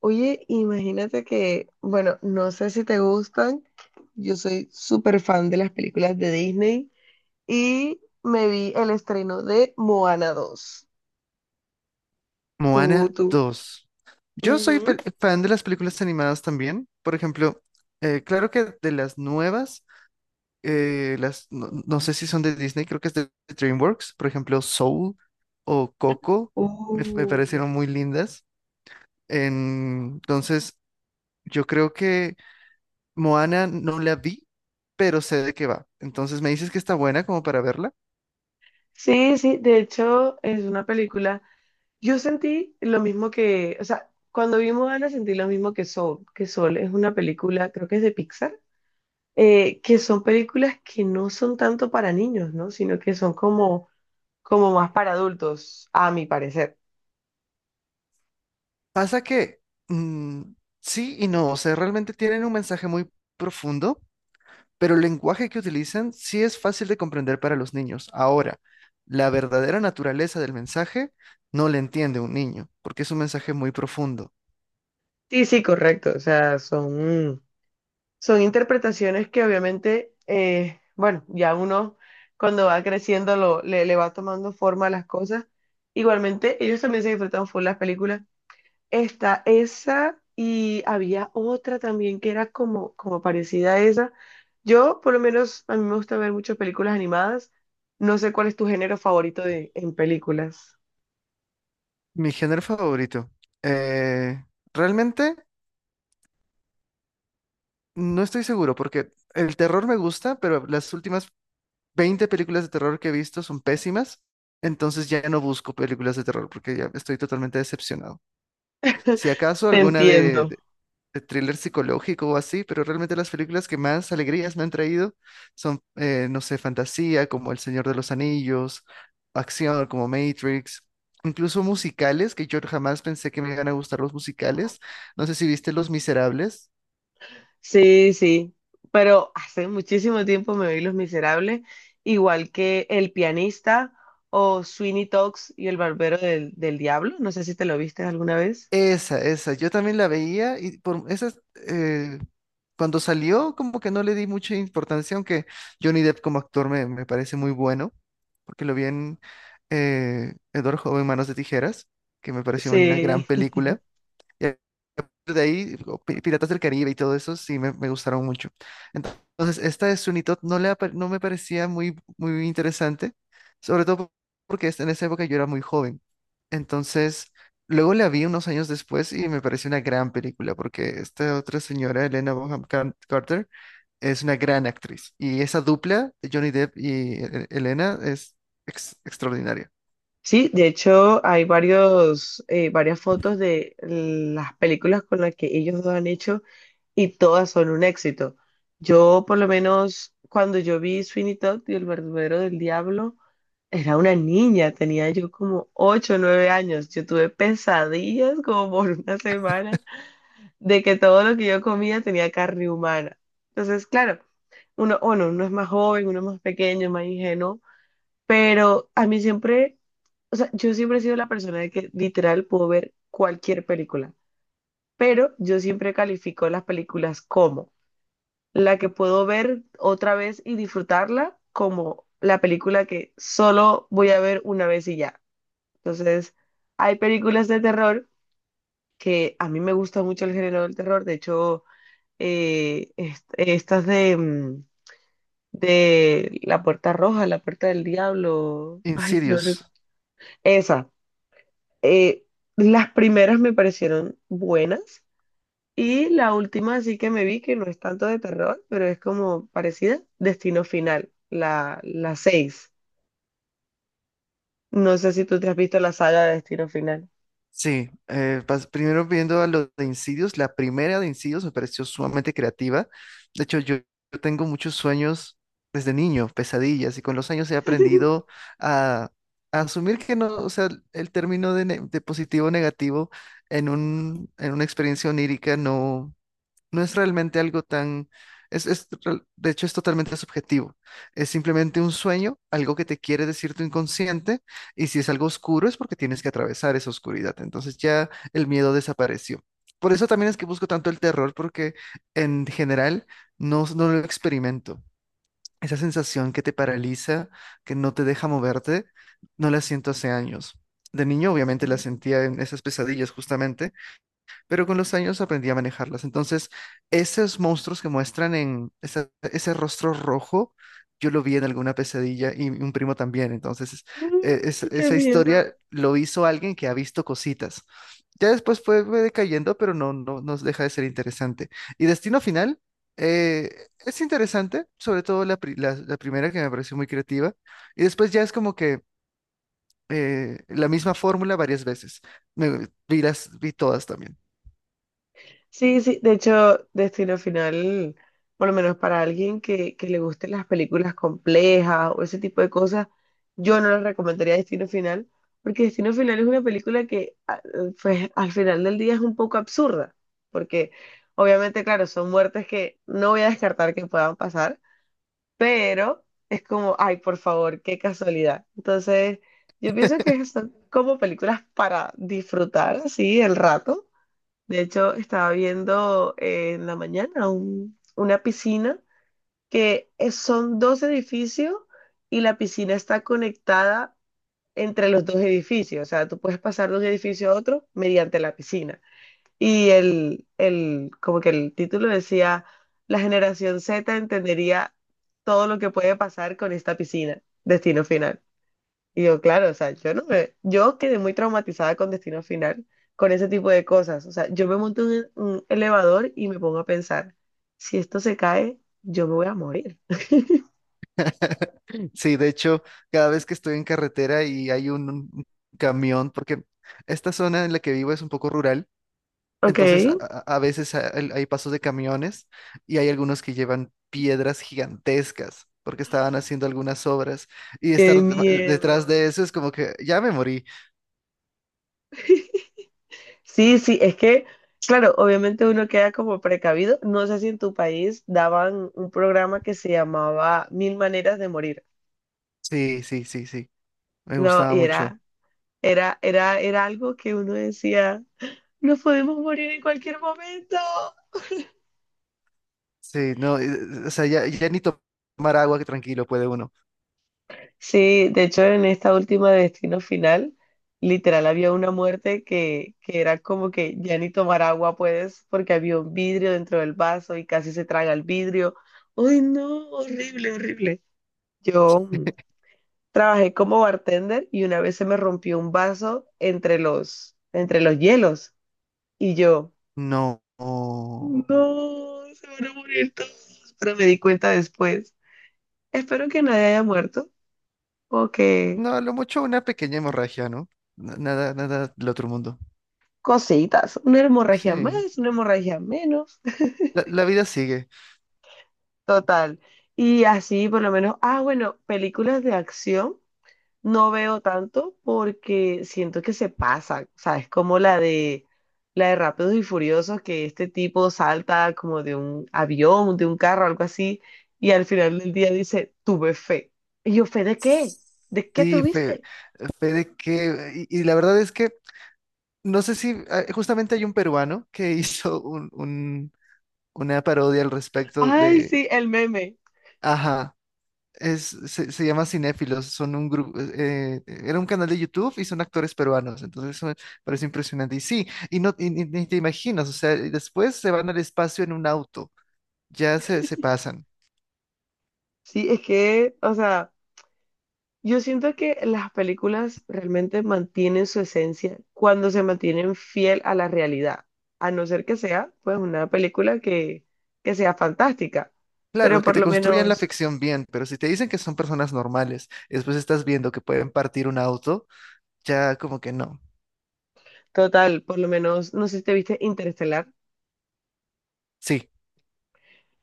Oye, imagínate que, bueno, no sé si te gustan, yo soy súper fan de las películas de Disney y me vi el estreno de Moana dos. Tú, Moana tú. 2. Yo soy Ujú. fan de las películas animadas también. Por ejemplo, claro que de las nuevas, las, no, no sé si son de Disney, creo que es de DreamWorks. Por ejemplo, Soul o Coco me Uh. parecieron muy lindas. Entonces, yo creo que Moana no la vi, pero sé de qué va. Entonces, ¿me dices que está buena como para verla? Sí, sí, de hecho es una película. Yo sentí lo mismo que, o sea, cuando vi Moana sentí lo mismo que Soul es una película, creo que es de Pixar, que son películas que no son tanto para niños, ¿no? Sino que son como más para adultos, a mi parecer. Pasa que mm, sí y no, o sea, realmente tienen un mensaje muy profundo, pero el lenguaje que utilizan sí es fácil de comprender para los niños. Ahora, la verdadera naturaleza del mensaje no la entiende un niño, porque es un mensaje muy profundo. Sí, sí, correcto. O sea, son interpretaciones que obviamente, bueno, ya uno cuando va creciendo le va tomando forma a las cosas. Igualmente, ellos también se disfrutan full las películas. Esta, esa, y había otra también que era como parecida a esa. Yo, por lo menos, a mí me gusta ver muchas películas animadas. No sé cuál es tu género favorito en películas. Mi género favorito. Eh, realmente no estoy seguro porque el terror me gusta, pero las últimas 20 películas de terror que he visto son pésimas. Entonces ya no busco películas de terror porque ya estoy totalmente decepcionado. Si acaso Te alguna entiendo. de thriller psicológico o así, pero realmente las películas que más alegrías me han traído son, no sé, fantasía como El Señor de los Anillos, acción como Matrix, incluso musicales, que yo jamás pensé que me iban a gustar los musicales. No sé si viste Los Miserables. Sí, sí, pero hace muchísimo tiempo me oí Los Miserables, igual que El Pianista o Sweeney Tox y El Barbero del Diablo, no sé si te lo viste alguna vez. Esa, yo también la veía y por esas, eh, cuando salió como que no le di mucha importancia, aunque Johnny Depp como actor me parece muy bueno, porque lo vi en Edward Joven Manos de Tijeras, que me pareció una gran Sí, película, y de ahí, o Piratas del Caribe y todo eso, sí me gustaron mucho. Entonces, esta de Sunito no, le, no me parecía muy interesante, sobre todo porque en esa época yo era muy joven. Entonces, luego la vi unos años después y me pareció una gran película, porque esta otra señora, Elena Bonham Carter, es una gran actriz. Y esa dupla, Johnny Depp y Elena, es extraordinaria. sí, de hecho hay varias fotos de las películas con las que ellos dos han hecho y todas son un éxito. Yo por lo menos cuando yo vi Sweeney Todd y El Barbero del Diablo, era una niña, tenía yo como 8 o 9 años. Yo tuve pesadillas como por una semana de que todo lo que yo comía tenía carne humana. Entonces, claro, uno, bueno, uno es más joven, uno es más pequeño, más ingenuo, pero a mí siempre, o sea, yo siempre he sido la persona de que literal puedo ver cualquier película, pero yo siempre califico las películas como la que puedo ver otra vez y disfrutarla, como la película que solo voy a ver una vez y ya. Entonces, hay películas de terror que a mí me gusta mucho el género del terror. De hecho, estas de La Puerta Roja, La Puerta del Diablo, ay, no Insidious. recu- Esa. Eh, las primeras me parecieron buenas y la última sí que me vi que no es tanto de terror, pero es como parecida, Destino Final, la seis. No sé si tú te has visto la saga de Destino Final. Sí, primero viendo a los de Insidious, la primera de Insidious me pareció sumamente creativa. De hecho, yo tengo muchos sueños desde niño, pesadillas, y con los años he aprendido a, a asumir que no, o sea, el término de, de positivo o negativo en en una experiencia onírica no. No es realmente algo tan... Es, de hecho, es totalmente subjetivo. Es simplemente un sueño, algo que te quiere decir tu inconsciente, y si es algo oscuro es porque tienes que atravesar esa oscuridad. Entonces ya el miedo desapareció. Por eso también es que busco tanto el terror, porque en general no, no lo experimento. Esa sensación que te paraliza, que no te deja moverte, no la siento hace años. De niño, obviamente, la sentía en esas pesadillas justamente, pero con los años aprendí a manejarlas. Entonces, esos monstruos que muestran en ese rostro rojo, yo lo vi en alguna pesadilla y un primo también. Entonces, Uy, qué esa miedo. historia lo hizo alguien que ha visto cositas. Ya después fue decayendo, pero no, no nos deja de ser interesante. Y Destino Final eh, es interesante, sobre todo la primera que me pareció muy creativa. Y después ya es como que la misma fórmula varias veces. Vi las, vi todas también. Sí, sí, de hecho, Destino Final, por lo menos para alguien que le gusten las películas complejas o ese tipo de cosas, yo no le recomendaría Destino Final, porque Destino Final es una película que a- pues, al final del día es un poco absurda, porque obviamente, claro, son muertes que no voy a descartar que puedan pasar, pero es como, ay, por favor, qué casualidad. Entonces, yo pienso que son como películas para disfrutar, así, el rato. De hecho, estaba viendo en la mañana una piscina son dos edificios y la piscina está conectada entre los dos edificios. O sea, tú puedes pasar de un edificio a otro mediante la piscina. Y como que el título decía, la generación Z entendería todo lo que puede pasar con esta piscina. Destino final. Y yo, claro, o sea, yo no me, yo quedé muy traumatizada con Destino Final, con ese tipo de cosas. O sea, yo me monto en un elevador y me pongo a pensar, si esto se cae, yo me voy a morir. Sí, de hecho, cada vez que estoy en carretera y hay un camión, porque esta zona en la que vivo es un poco rural, Ok, entonces a veces hay pasos de camiones y hay algunos que llevan piedras gigantescas porque estaban haciendo algunas obras y qué estar detrás miedo. de eso es como que ya me morí. Sí, sí, es que, claro, obviamente uno queda como precavido. No sé si en tu país daban un programa que se llamaba Mil Maneras de Morir. Sí, sí, sí, sí, me No, gustaba y mucho. Era algo que uno decía, nos podemos morir en cualquier momento. Sí, no, o sea, ya, ya ni to- tomar agua que tranquilo puede uno. Sí, de hecho en esta última de Destino Final, literal había una muerte que era como que ya ni tomar agua puedes porque había un vidrio dentro del vaso y casi se traga el vidrio. ¡Ay, no! Horrible, horrible. Yo trabajé como bartender y una vez se me rompió un vaso entre entre los hielos y yo, No. no, se van a morir todos. Pero me di cuenta después. Espero que nadie haya muerto o que No, a lo mucho una pequeña hemorragia, ¿no? Nada, nada del otro mundo. cositas, una hemorragia Sí, más, una hemorragia menos, la vida sigue. total. Y así por lo menos, ah, bueno, películas de acción no veo tanto porque siento que se pasa, o sea, es como la de Rápidos y Furiosos que este tipo salta como de un avión, de un carro, algo así, y al final del día dice, tuve fe. Y yo, ¿fe de qué? ¿De qué Sí, tuviste? fe de que... Y, y la verdad es que no sé si... ah, justamente hay un peruano que hizo una parodia al respecto Ay, de... sí, el meme. Ajá, es, se llama Cinéfilos, son un grupo... era un canal de YouTube y son actores peruanos, entonces eso me parece impresionante. Y sí, y no, y ni te imaginas, o sea, y después se van al espacio en un auto, ya se pasan. Sí, es que, o sea, yo siento que las películas realmente mantienen su esencia cuando se mantienen fiel a la realidad, a no ser que sea pues una película que sea fantástica, pero Claro, que por te lo construyan la menos, ficción bien, pero si te dicen que son personas normales y después estás viendo que pueden partir un auto, ya como que no. total, por lo menos, no sé si te viste Interestelar, Sí,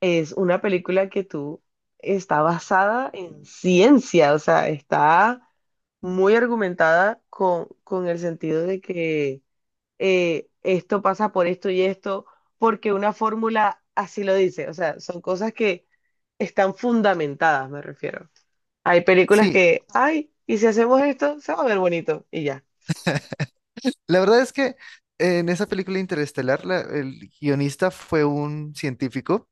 es una película que tú está basada en ciencia, o sea, está muy argumentada con el sentido de que esto pasa por esto y esto, porque una fórmula así lo dice. O sea, son cosas que están fundamentadas, me refiero. Hay películas sí. que, ay, y si hacemos esto, se va a ver bonito y ya. La verdad es que en esa película Interestelar, el guionista fue un científico.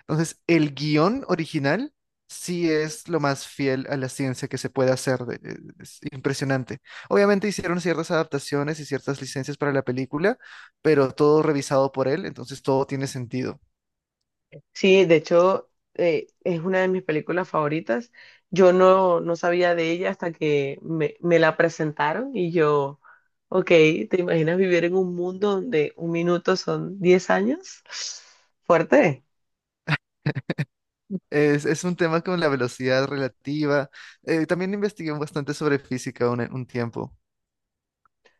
Entonces, el guión original sí es lo más fiel a la ciencia que se puede hacer. Es impresionante. Obviamente hicieron ciertas adaptaciones y ciertas licencias para la película, pero todo revisado por él, entonces todo tiene sentido. Sí, de hecho, es una de mis películas favoritas. Yo no sabía de ella hasta que me la presentaron y yo, ok, ¿te imaginas vivir en un mundo donde un minuto son 10 años? Fuerte. Es un tema con la velocidad relativa. También investigué bastante sobre física un tiempo.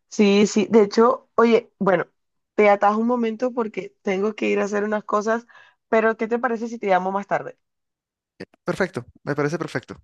Sí, sí, de hecho, oye, bueno, te atajo un momento porque tengo que ir a hacer unas cosas, pero ¿qué te parece si te llamo más tarde? Perfecto, me parece perfecto.